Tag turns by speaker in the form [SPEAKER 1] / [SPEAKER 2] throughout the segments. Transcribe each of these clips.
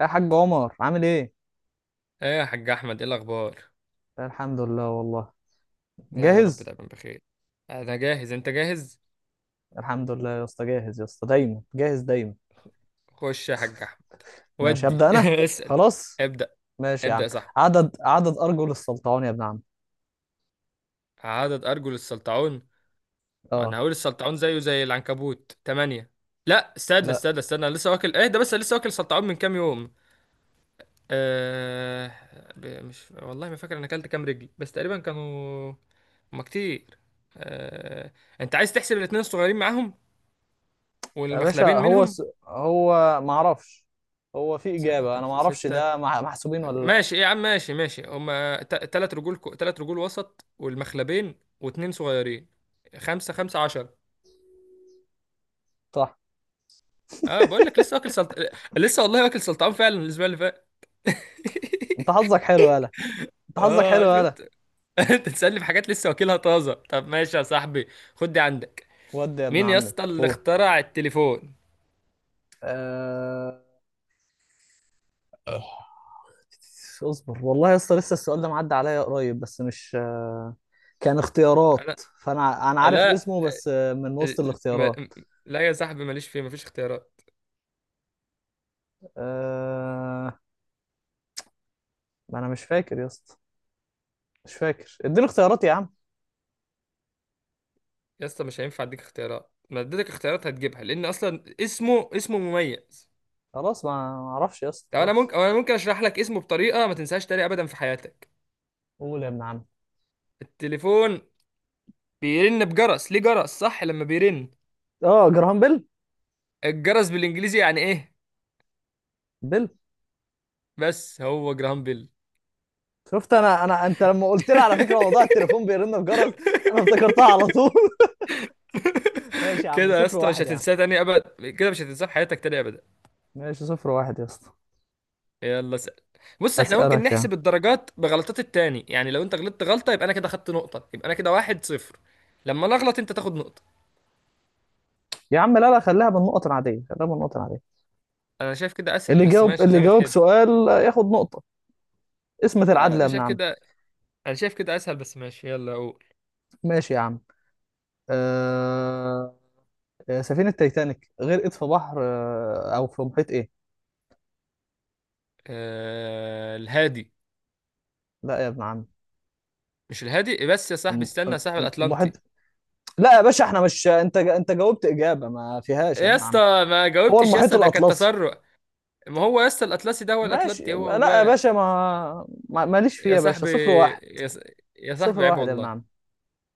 [SPEAKER 1] يا حاج عمر عامل ايه؟
[SPEAKER 2] ايه يا حاج احمد، ايه الاخبار؟
[SPEAKER 1] الحمد لله والله.
[SPEAKER 2] يا رب
[SPEAKER 1] جاهز؟
[SPEAKER 2] دايما بخير. انا جاهز، انت جاهز؟
[SPEAKER 1] الحمد لله يا اسطى، جاهز يا اسطى، دايما جاهز دايما.
[SPEAKER 2] خش يا حاج احمد.
[SPEAKER 1] ماشي
[SPEAKER 2] ودي
[SPEAKER 1] هبدأ انا.
[SPEAKER 2] اسال.
[SPEAKER 1] خلاص.
[SPEAKER 2] ابدا.
[SPEAKER 1] ماشي يا
[SPEAKER 2] ابدا
[SPEAKER 1] عم.
[SPEAKER 2] يا صاحبي.
[SPEAKER 1] عدد ارجل السلطعون يا ابن عم.
[SPEAKER 2] عدد ارجل السلطعون؟ وانا
[SPEAKER 1] اه.
[SPEAKER 2] هقول السلطعون زيه زي العنكبوت تمانية. لا استنى
[SPEAKER 1] لا
[SPEAKER 2] استنى استنى أنا لسه واكل. ايه ده؟ بس أنا لسه واكل سلطعون من كام يوم. أه... مش والله، ما فاكر انا اكلت كام رجل، بس تقريبا كانوا، هما كتير. أه... انت عايز تحسب الاتنين الصغيرين معاهم
[SPEAKER 1] يا باشا،
[SPEAKER 2] والمخلبين
[SPEAKER 1] هو
[SPEAKER 2] منهم؟
[SPEAKER 1] هو ما اعرفش. هو في إجابة انا ما
[SPEAKER 2] خمسة
[SPEAKER 1] اعرفش
[SPEAKER 2] ستة.
[SPEAKER 1] ده محسوبين ولا لا؟
[SPEAKER 2] ماشي يا عم، ماشي ماشي. هما تلات رجول، تلات رجول وسط والمخلبين واتنين صغيرين. خمسة، خمسة عشرة.
[SPEAKER 1] صح.
[SPEAKER 2] اه، بقول لك لسه واكل. لسه والله واكل سلطعون فعلا الأسبوع اللي فات.
[SPEAKER 1] انت حظك حلو يالا انت حظك حلو
[SPEAKER 2] اه
[SPEAKER 1] يالا.
[SPEAKER 2] شفت. انت تسألني في حاجات لسه واكلها طازة. طب ماشي يا صاحبي، خد دي عندك.
[SPEAKER 1] ودي يا ابن
[SPEAKER 2] مين يا
[SPEAKER 1] عمي.
[SPEAKER 2] اسطى اللي
[SPEAKER 1] هو
[SPEAKER 2] اخترع التليفون؟
[SPEAKER 1] آه... اصبر والله يا اسطى، لسه السؤال ده معدي عليا قريب، بس مش كان اختيارات.
[SPEAKER 2] انا؟
[SPEAKER 1] فانا عارف
[SPEAKER 2] لا.
[SPEAKER 1] اسمه، بس من وسط
[SPEAKER 2] ال-
[SPEAKER 1] الاختيارات.
[SPEAKER 2] م- لا يا صاحبي، ماليش فيه، مفيش اختيارات.
[SPEAKER 1] أه... ما انا مش فاكر يا اسطى، مش فاكر، اديني اختيارات يا عم.
[SPEAKER 2] يا اسطى مش هينفع اديك اختيارات، ما اديتك اختيارات هتجيبها، لان اصلا اسمه مميز.
[SPEAKER 1] خلاص ما ما اعرفش يا اسطى
[SPEAKER 2] طب انا
[SPEAKER 1] خلاص.
[SPEAKER 2] ممكن انا ممكن اشرح لك اسمه بطريقه ما تنساهاش تاني ابدا في حياتك.
[SPEAKER 1] قول يا ابن عم.
[SPEAKER 2] التليفون بيرن بجرس، ليه جرس؟ صح، لما بيرن.
[SPEAKER 1] اه جراهام بيل.
[SPEAKER 2] الجرس بالانجليزي يعني ايه؟
[SPEAKER 1] بيل.
[SPEAKER 2] بس هو جرام بيل.
[SPEAKER 1] شفت، انا انت لما قلت لي على فكره موضوع التليفون بيرن في جرس، انا افتكرتها على طول. ماشي يا عم،
[SPEAKER 2] كده يا
[SPEAKER 1] صفر
[SPEAKER 2] اسطى مش
[SPEAKER 1] واحد يا عم.
[SPEAKER 2] هتنساه تاني ابدا، كده مش هتنساه في حياتك تاني ابدا.
[SPEAKER 1] ماشي صفر واحد يا اسطى.
[SPEAKER 2] يلا سأل. بص احنا ممكن
[SPEAKER 1] هسألك يا عم.
[SPEAKER 2] نحسب الدرجات بغلطات التاني، يعني لو انت غلطت غلطه يبقى انا كده خدت نقطه، يبقى انا كده واحد صفر. لما انا اغلط انت تاخد نقطه.
[SPEAKER 1] يا عم، لا لا، خليها بالنقط العادية، خليها بالنقط العادية.
[SPEAKER 2] انا شايف كده اسهل،
[SPEAKER 1] اللي
[SPEAKER 2] بس
[SPEAKER 1] جاوب
[SPEAKER 2] ماشي
[SPEAKER 1] اللي
[SPEAKER 2] زي ما
[SPEAKER 1] جاوب
[SPEAKER 2] تحب.
[SPEAKER 1] سؤال ياخد نقطة. اسمة العدل يا
[SPEAKER 2] انا
[SPEAKER 1] ابن
[SPEAKER 2] شايف
[SPEAKER 1] عم.
[SPEAKER 2] كده، انا شايف كده اسهل، بس ماشي، يلا اقول.
[SPEAKER 1] ماشي يا عم. آه... سفينة تايتانيك غرقت في بحر، أو في محيط إيه؟
[SPEAKER 2] آه الهادي.
[SPEAKER 1] لا يا ابن عم.
[SPEAKER 2] مش الهادي، بس يا صاحبي استنى يا صاحبي،
[SPEAKER 1] المحيط.
[SPEAKER 2] الاطلنطي.
[SPEAKER 1] لا يا باشا، احنا مش، انت جاوبت إجابة ما فيهاش يا
[SPEAKER 2] يا
[SPEAKER 1] ابن
[SPEAKER 2] اسطى،
[SPEAKER 1] عم.
[SPEAKER 2] ما
[SPEAKER 1] هو
[SPEAKER 2] جاوبتش يا
[SPEAKER 1] المحيط
[SPEAKER 2] اسطى، ده كان
[SPEAKER 1] الأطلسي.
[SPEAKER 2] تسرع. ما هو يا اسطى الاطلسي ده هو
[SPEAKER 1] ماشي،
[SPEAKER 2] الاطلنطي، هو
[SPEAKER 1] لا يا
[SPEAKER 2] هو.
[SPEAKER 1] باشا، ماليش فيه
[SPEAKER 2] يا
[SPEAKER 1] يا باشا،
[SPEAKER 2] صاحبي،
[SPEAKER 1] صفر واحد.
[SPEAKER 2] يا, ص... يا صاحبي
[SPEAKER 1] صفر
[SPEAKER 2] عيب
[SPEAKER 1] واحد يا ابن
[SPEAKER 2] والله.
[SPEAKER 1] عم.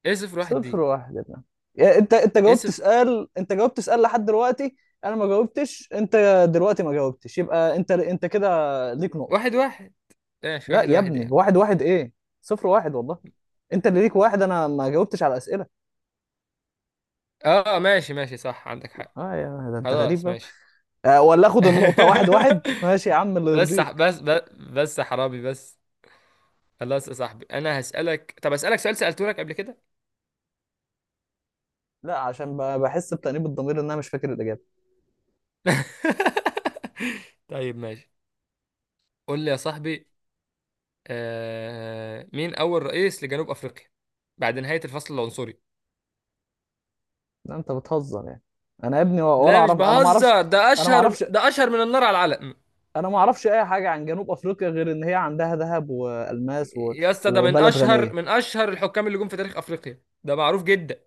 [SPEAKER 2] ايه صفر واحد
[SPEAKER 1] صفر
[SPEAKER 2] دي؟
[SPEAKER 1] واحد بقى. يا انت
[SPEAKER 2] ايه
[SPEAKER 1] جاوبت
[SPEAKER 2] صفر؟
[SPEAKER 1] سؤال، انت جاوبت سؤال لحد دلوقتي، انا ما جاوبتش. انت دلوقتي ما جاوبتش، يبقى انت كده ليك نقطة.
[SPEAKER 2] واحد واحد. ماشي
[SPEAKER 1] لا
[SPEAKER 2] واحد
[SPEAKER 1] يا
[SPEAKER 2] واحد
[SPEAKER 1] ابني،
[SPEAKER 2] يعني.
[SPEAKER 1] واحد واحد ايه؟ صفر واحد والله. انت اللي ليك واحد، انا ما جاوبتش على الاسئلة.
[SPEAKER 2] اه ماشي ماشي، صح عندك حق.
[SPEAKER 1] اه يا ده انت غريب
[SPEAKER 2] خلاص
[SPEAKER 1] بقى.
[SPEAKER 2] ماشي.
[SPEAKER 1] آه، ولا اخد النقطة واحد واحد، ماشي يا عم اللي
[SPEAKER 2] بس
[SPEAKER 1] يرضيك.
[SPEAKER 2] بس بس بس يا حرامي بس. خلاص يا صاحبي انا هسألك، طب اسألك سؤال سألته لك قبل كده.
[SPEAKER 1] لا عشان بحس بتأنيب الضمير ان انا مش فاكر الاجابة.
[SPEAKER 2] طيب ماشي. قول لي يا صاحبي. مين أول رئيس لجنوب أفريقيا بعد نهاية الفصل العنصري؟
[SPEAKER 1] لا انت بتهزر يعني، انا يا ابني ولا
[SPEAKER 2] لا مش
[SPEAKER 1] اعرف، انا ما اعرفش.
[SPEAKER 2] بهزر، ده
[SPEAKER 1] انا ما
[SPEAKER 2] أشهر،
[SPEAKER 1] اعرفش.
[SPEAKER 2] ده أشهر من النار على العلم.
[SPEAKER 1] انا ما اعرفش اي حاجه عن جنوب افريقيا، غير ان هي عندها ذهب والماس و...
[SPEAKER 2] يا اسطى ده من
[SPEAKER 1] وبلد
[SPEAKER 2] أشهر،
[SPEAKER 1] غنيه.
[SPEAKER 2] من أشهر الحكام اللي جم في تاريخ أفريقيا، ده معروف جدا.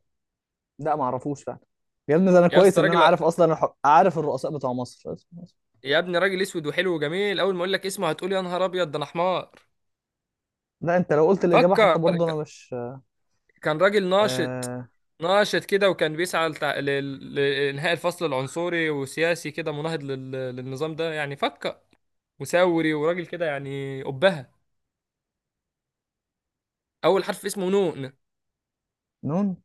[SPEAKER 1] لا ما اعرفوش فعلا. يا ابني، ده انا
[SPEAKER 2] يا
[SPEAKER 1] كويس
[SPEAKER 2] اسطى
[SPEAKER 1] ان انا
[SPEAKER 2] راجل،
[SPEAKER 1] عارف اصلا عارف الرؤساء بتوع مصر.
[SPEAKER 2] يا ابني راجل أسود وحلو وجميل، أول ما أقول لك اسمه هتقول يا نهار أبيض ده أنا حمار.
[SPEAKER 1] لا انت لو قلت الاجابه حتى
[SPEAKER 2] فكر.
[SPEAKER 1] برضه انا مش.
[SPEAKER 2] كان راجل ناشط،
[SPEAKER 1] آه...
[SPEAKER 2] ناشط كده، وكان بيسعى لإنهاء الفصل العنصري، وسياسي كده مناهض للنظام ده، يعني فكر. وثوري، وراجل كده يعني أبهة. أول حرف اسمه نون.
[SPEAKER 1] نون.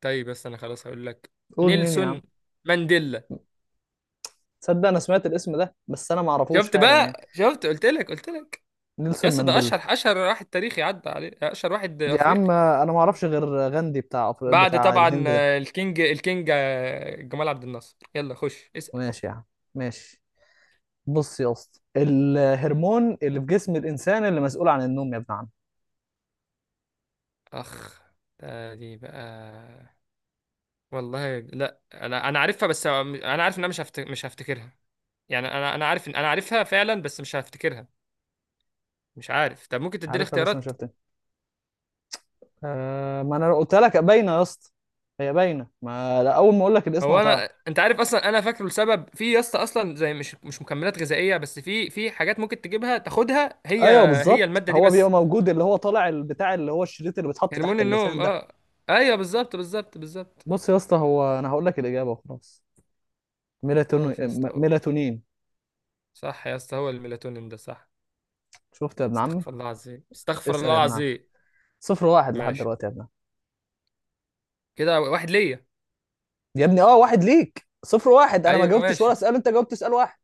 [SPEAKER 2] طيب بس أنا خلاص هقول لك.
[SPEAKER 1] قول مين يا عم.
[SPEAKER 2] نيلسون مانديلا.
[SPEAKER 1] تصدق انا سمعت الاسم ده، بس انا ما اعرفوش
[SPEAKER 2] شفت
[SPEAKER 1] فعلا يعني.
[SPEAKER 2] بقى، شفت، قلت لك، قلت لك. يا
[SPEAKER 1] نيلسون
[SPEAKER 2] اسطى ده
[SPEAKER 1] مانديلا.
[SPEAKER 2] أشهر، أشهر واحد تاريخي عدى عليه، أشهر واحد
[SPEAKER 1] يا عم
[SPEAKER 2] أفريقي.
[SPEAKER 1] انا ما اعرفش غير غاندي بتاع
[SPEAKER 2] بعد
[SPEAKER 1] بتاع
[SPEAKER 2] طبعا
[SPEAKER 1] الهند ده.
[SPEAKER 2] الكينج، الكينج جمال عبد الناصر. يلا خش اسأل.
[SPEAKER 1] ماشي يا عم. ماشي. بص يا اسطى، الهرمون اللي في جسم الانسان اللي مسؤول عن النوم يا ابن عم.
[SPEAKER 2] أخ، ده دي بقى. والله لا، انا عارفها، بس انا عارف ان انا مش هفتكرها. يعني انا عارف ان انا عارفها فعلا بس مش هفتكرها. مش عارف، طب ممكن تديني
[SPEAKER 1] عارفها بس ما
[SPEAKER 2] اختيارات.
[SPEAKER 1] شفتها. آه ما انا قلت لك باينه يا اسطى، هي باينه، ما لا اول ما اقول لك الاسم
[SPEAKER 2] هو
[SPEAKER 1] هتعرف.
[SPEAKER 2] انا، انت عارف اصلا انا فاكره لسبب في يا اسطى، اصلا زي مش مكملات غذائيه بس، في حاجات ممكن تجيبها تاخدها هي.
[SPEAKER 1] ايوه
[SPEAKER 2] هي
[SPEAKER 1] بالظبط،
[SPEAKER 2] الماده دي
[SPEAKER 1] هو بيبقى
[SPEAKER 2] بس،
[SPEAKER 1] موجود اللي هو طالع البتاع اللي هو الشريط اللي بيتحط تحت
[SPEAKER 2] هرمون
[SPEAKER 1] اللسان
[SPEAKER 2] النوم،
[SPEAKER 1] ده.
[SPEAKER 2] اه. ايوه بالظبط.
[SPEAKER 1] بص يا اسطى، هو انا هقول لك الاجابه وخلاص. ميلاتونين.
[SPEAKER 2] خلاص يا اسطى
[SPEAKER 1] ميلاتونين.
[SPEAKER 2] صح يا اسطى، هو الميلاتونين ده، صح.
[SPEAKER 1] شفت يا ابن عمي.
[SPEAKER 2] استغفر الله العظيم، استغفر
[SPEAKER 1] اسال
[SPEAKER 2] الله
[SPEAKER 1] يا ابن عمي.
[SPEAKER 2] العظيم.
[SPEAKER 1] صفر واحد لحد
[SPEAKER 2] ماشي.
[SPEAKER 1] دلوقتي يا ابن عمي.
[SPEAKER 2] كده واحد ليا.
[SPEAKER 1] يا ابني اه، واحد ليك، صفر واحد، انا ما
[SPEAKER 2] ايوه
[SPEAKER 1] جاوبتش ولا
[SPEAKER 2] ماشي.
[SPEAKER 1] سؤال، انت جاوبت سؤال واحد.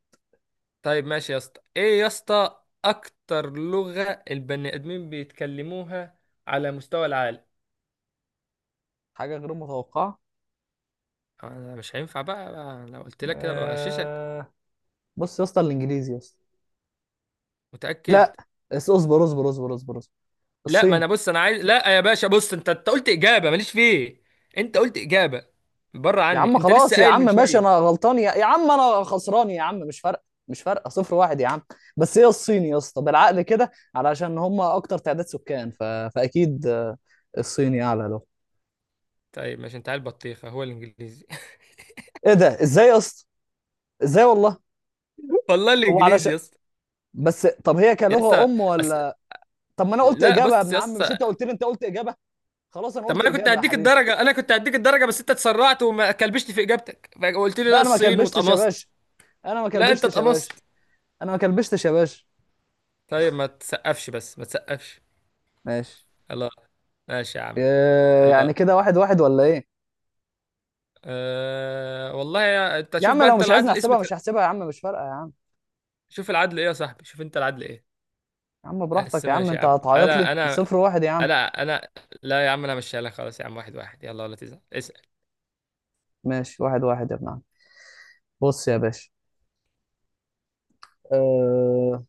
[SPEAKER 2] طيب ماشي يا اسطى، ايه يا اسطى اكتر لغة البني ادمين بيتكلموها على مستوى العالم؟
[SPEAKER 1] حاجه غير متوقعه.
[SPEAKER 2] انا مش هينفع بقى لو قلت لك كده بغششك.
[SPEAKER 1] آه... بص يا اسطى، الانجليزي يا اسطى.
[SPEAKER 2] متأكد؟
[SPEAKER 1] لا. اصبر اصبر اصبر اصبر اصبر.
[SPEAKER 2] لا. ما انا
[SPEAKER 1] الصيني.
[SPEAKER 2] بص، انا عايز، لا يا باشا بص، انت قلت اجابة ماليش فيه. انت قلت اجابة، بره
[SPEAKER 1] يا
[SPEAKER 2] عني،
[SPEAKER 1] عم
[SPEAKER 2] انت لسه
[SPEAKER 1] خلاص، يا
[SPEAKER 2] قايل
[SPEAKER 1] عم
[SPEAKER 2] من
[SPEAKER 1] ماشي، انا
[SPEAKER 2] شوية.
[SPEAKER 1] غلطان، يا عم انا خسران يا عم، مش فارقه، مش فارقه، صفر واحد يا عم. بس هي الصين يا اسطى، بالعقل كده، علشان هم اكتر تعداد سكان فاكيد الصيني اعلى له.
[SPEAKER 2] طيب ماشي، انت عيل بطيخة، هو الانجليزي.
[SPEAKER 1] ايه ده، ازاي يا اسطى؟ ازاي والله.
[SPEAKER 2] والله
[SPEAKER 1] هو
[SPEAKER 2] الانجليزي
[SPEAKER 1] علشان،
[SPEAKER 2] يا اسطى.
[SPEAKER 1] بس طب هي
[SPEAKER 2] يا
[SPEAKER 1] كلغه
[SPEAKER 2] اسطى،
[SPEAKER 1] ام
[SPEAKER 2] أس...
[SPEAKER 1] ولا؟ طب ما انا قلت
[SPEAKER 2] لا
[SPEAKER 1] اجابه يا
[SPEAKER 2] بص
[SPEAKER 1] ابن
[SPEAKER 2] يا
[SPEAKER 1] عم، مش
[SPEAKER 2] اسطى.
[SPEAKER 1] انت قلت لي انت قلت اجابه؟ خلاص انا
[SPEAKER 2] طب ما
[SPEAKER 1] قلت
[SPEAKER 2] انا كنت
[SPEAKER 1] اجابه يا
[SPEAKER 2] هديك
[SPEAKER 1] حبيبي.
[SPEAKER 2] الدرجه، انا كنت هديك الدرجه، بس انت اتسرعت وما كلبشت في اجابتك، فقلت لي
[SPEAKER 1] لا
[SPEAKER 2] لا
[SPEAKER 1] انا ما
[SPEAKER 2] الصين،
[SPEAKER 1] كلبشتش يا باشا.
[SPEAKER 2] واتقمصت.
[SPEAKER 1] انا ما
[SPEAKER 2] لا انت
[SPEAKER 1] كلبشتش يا باشا.
[SPEAKER 2] اتقمصت.
[SPEAKER 1] انا ما كلبشتش يا باشا.
[SPEAKER 2] طيب ما تسقفش، بس ما تسقفش.
[SPEAKER 1] ماشي.
[SPEAKER 2] الله. ماشي يا عم.
[SPEAKER 1] إيه،
[SPEAKER 2] الله.
[SPEAKER 1] يعني كده واحد واحد ولا ايه؟
[SPEAKER 2] أه والله انت
[SPEAKER 1] يا
[SPEAKER 2] شوف
[SPEAKER 1] عم
[SPEAKER 2] بقى،
[SPEAKER 1] لو
[SPEAKER 2] انت
[SPEAKER 1] مش عايزني
[SPEAKER 2] العدل اسم.
[SPEAKER 1] احسبها مش هحسبها يا عم، مش فارقه يا عم.
[SPEAKER 2] شوف العدل ايه يا صاحبي، شوف انت العدل ايه.
[SPEAKER 1] يا عم
[SPEAKER 2] بس
[SPEAKER 1] براحتك يا عم،
[SPEAKER 2] ماشي يا
[SPEAKER 1] انت
[SPEAKER 2] عم،
[SPEAKER 1] هتعيط
[SPEAKER 2] انا
[SPEAKER 1] لي
[SPEAKER 2] انا
[SPEAKER 1] صفر واحد يا عم.
[SPEAKER 2] لا انا، لا يا عم انا مش لك، خلاص يا عم واحد واحد، يلا ولا تزعل، اسال.
[SPEAKER 1] ماشي واحد واحد يا ابن عم. بص يا باشا. أه...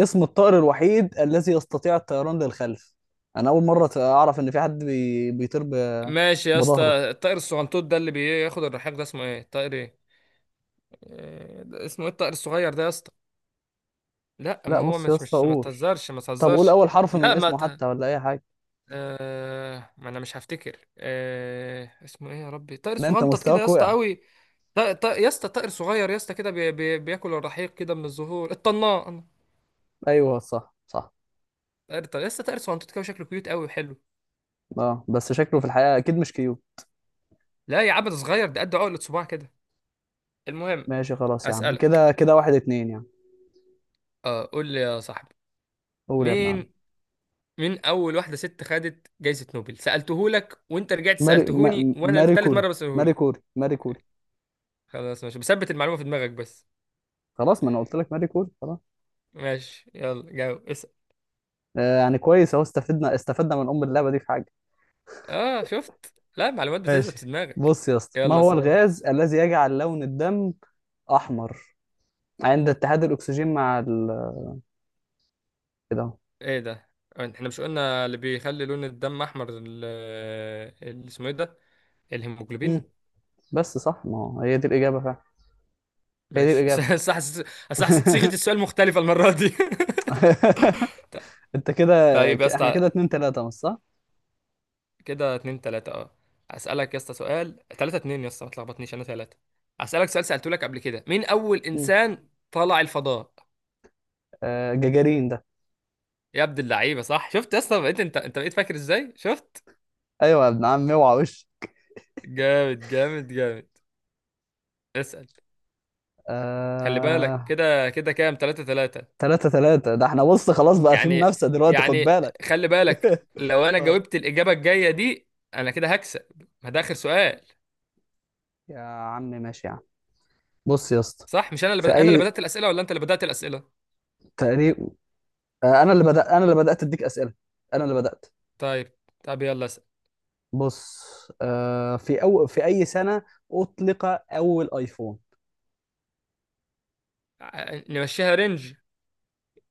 [SPEAKER 1] اسم الطائر الوحيد الذي يستطيع الطيران للخلف. انا اول مره اعرف ان في حد بيطير
[SPEAKER 2] ماشي يا اسطى.
[SPEAKER 1] بظهره.
[SPEAKER 2] الطائر الصغنطوط ده اللي بياخد الرحاق ده اسمه ايه الطائر؟ ايه ده اسمه ايه الطائر الصغير ده يا اسطى؟ لا
[SPEAKER 1] لا
[SPEAKER 2] ما هو
[SPEAKER 1] بص يا
[SPEAKER 2] مش،
[SPEAKER 1] اسطى
[SPEAKER 2] ما
[SPEAKER 1] قول،
[SPEAKER 2] تهزرش ما
[SPEAKER 1] طب قول
[SPEAKER 2] تهزرش.
[SPEAKER 1] اول حرف من
[SPEAKER 2] لا ما
[SPEAKER 1] اسمه
[SPEAKER 2] ت...
[SPEAKER 1] حتى ولا اي حاجه.
[SPEAKER 2] آه... ما انا مش هفتكر. اسمه ايه يا ربي؟ طائر
[SPEAKER 1] ده انت
[SPEAKER 2] صغنطط كده يا
[SPEAKER 1] مستواك
[SPEAKER 2] اسطى
[SPEAKER 1] وقع.
[SPEAKER 2] قوي. يا اسطى طائر صغير يا اسطى كده، بياكل الرحيق كده من الزهور، الطنان.
[SPEAKER 1] ايوه صح صح.
[SPEAKER 2] يا اسطى طائر صغنطط كده، شكله كيوت قوي وحلو.
[SPEAKER 1] اه بس شكله في الحقيقه اكيد مش كيو.
[SPEAKER 2] لا يا عبد صغير ده قد عقلة صباع كده. المهم،
[SPEAKER 1] ماشي خلاص يا عم،
[SPEAKER 2] اسالك.
[SPEAKER 1] كده كده واحد اتنين يعني.
[SPEAKER 2] اه قول لي يا صاحبي.
[SPEAKER 1] قول يا ابن عم.
[SPEAKER 2] مين مين اول واحده ست خدت جائزه نوبل؟ سالتهولك وانت رجعت
[SPEAKER 1] ماري ما...
[SPEAKER 2] سالتهوني، وانا
[SPEAKER 1] ماري
[SPEAKER 2] التالت
[SPEAKER 1] كوري.
[SPEAKER 2] مره
[SPEAKER 1] ماري
[SPEAKER 2] بسالهولك.
[SPEAKER 1] كوري. ماري كوري.
[SPEAKER 2] خلاص ماشي، بثبت المعلومه في دماغك بس.
[SPEAKER 1] خلاص ما انا قلت لك ماري كوري خلاص.
[SPEAKER 2] ماشي، يلا جاوب اسأل.
[SPEAKER 1] آه يعني كويس اهو، استفدنا استفدنا من ام اللعبه دي في حاجه.
[SPEAKER 2] اه شفت، لا المعلومات بتثبت في
[SPEAKER 1] ماشي.
[SPEAKER 2] دماغك.
[SPEAKER 1] بص يا اسطى، ما
[SPEAKER 2] يلا
[SPEAKER 1] هو
[SPEAKER 2] اسأل.
[SPEAKER 1] الغاز الذي يجعل لون الدم احمر عند اتحاد الاكسجين مع ال؟ كده اهو.
[SPEAKER 2] ايه ده؟ احنا مش قلنا اللي بيخلي لون الدم احمر اسمه ايه ده؟ الهيموجلوبين.
[SPEAKER 1] مم. بس صح، ما هو هي دي الاجابه فعلا. هي دي
[SPEAKER 2] ماشي.
[SPEAKER 1] الاجابه.
[SPEAKER 2] بس حسيت، أصل حسيت صيغة السؤال مختلفة المرة دي. ط-
[SPEAKER 1] انت كده.
[SPEAKER 2] طيب يا
[SPEAKER 1] احنا
[SPEAKER 2] اسطى،
[SPEAKER 1] كده اتنين تلاته مش صح؟
[SPEAKER 2] كده اتنين تلاتة، اه. اسألك يا اسطى سؤال، تلاتة اتنين يا اسطى، ما تلخبطنيش، انا تلاتة. اسألك سؤال سألته لك قبل كده، مين اول
[SPEAKER 1] مم.
[SPEAKER 2] انسان طلع الفضاء؟
[SPEAKER 1] آه جاجارين ده.
[SPEAKER 2] يا عبد اللعيبة صح، شفت يا اسطى، بقيت انت بقيت فاكر ازاي، شفت.
[SPEAKER 1] ايوه يا ابن عم اوعى وش.
[SPEAKER 2] جامد. اسأل. خلي بالك
[SPEAKER 1] آه.
[SPEAKER 2] كده، كده كام؟ تلاتة تلاتة.
[SPEAKER 1] تلاتة تلاتة، ده احنا بص خلاص بقى في
[SPEAKER 2] يعني
[SPEAKER 1] منافسة دلوقتي، خد
[SPEAKER 2] يعني
[SPEAKER 1] بالك.
[SPEAKER 2] خلي بالك، لو انا
[SPEAKER 1] اه.
[SPEAKER 2] جاوبت الإجابة الجاية دي انا كده هكسب، ما ده آخر سؤال.
[SPEAKER 1] يا عم ماشي يا عم. بص يا اسطى،
[SPEAKER 2] صح مش انا اللي
[SPEAKER 1] في
[SPEAKER 2] انا اللي
[SPEAKER 1] اي،
[SPEAKER 2] بدأت الأسئلة ولا انت اللي بدأت الأسئلة؟
[SPEAKER 1] تقريب، انا اللي بدأت اديك اسئلة، انا اللي بدأت.
[SPEAKER 2] طيب، طب يلا اسأل.
[SPEAKER 1] بص، في في اي سنة اطلق اول ايفون؟
[SPEAKER 2] نمشيها رينج،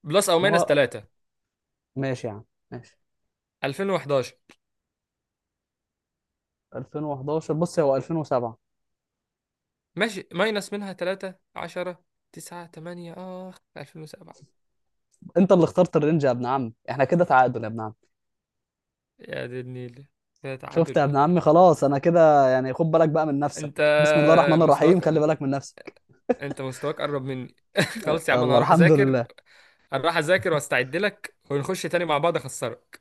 [SPEAKER 2] بلس او
[SPEAKER 1] ما
[SPEAKER 2] ماينس
[SPEAKER 1] هو
[SPEAKER 2] تلاتة.
[SPEAKER 1] ماشي يا عم، ماشي.
[SPEAKER 2] 2011.
[SPEAKER 1] 2011؟ بص هو 2007.
[SPEAKER 2] ماشي ماينس منها تلاتة، عشرة، تسعة، تمانية، آخ 2007.
[SPEAKER 1] انت اللي اخترت الرينج يا ابن عم، احنا كده تعادل يا ابن عم.
[SPEAKER 2] يا دي النيل. كده
[SPEAKER 1] شفت
[SPEAKER 2] تعادل.
[SPEAKER 1] يا ابن عمي، خلاص انا كده يعني، خد بالك بقى من نفسك،
[SPEAKER 2] انت
[SPEAKER 1] بسم الله الرحمن الرحيم،
[SPEAKER 2] مستواك،
[SPEAKER 1] خلي بالك من نفسك.
[SPEAKER 2] انت مستواك قرب مني. خلاص يا عم انا
[SPEAKER 1] يلا
[SPEAKER 2] هروح
[SPEAKER 1] الحمد
[SPEAKER 2] اذاكر.
[SPEAKER 1] لله.
[SPEAKER 2] هروح اذاكر واستعد لك ونخش تاني مع بعض اخسرك.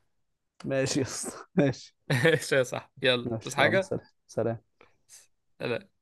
[SPEAKER 1] ماشي يا اسطى ماشي.
[SPEAKER 2] ماشي يا صاحبي، يلا تصحى
[SPEAKER 1] ماشي يلا
[SPEAKER 2] حاجه.
[SPEAKER 1] سلام. سلام.
[SPEAKER 2] سلام.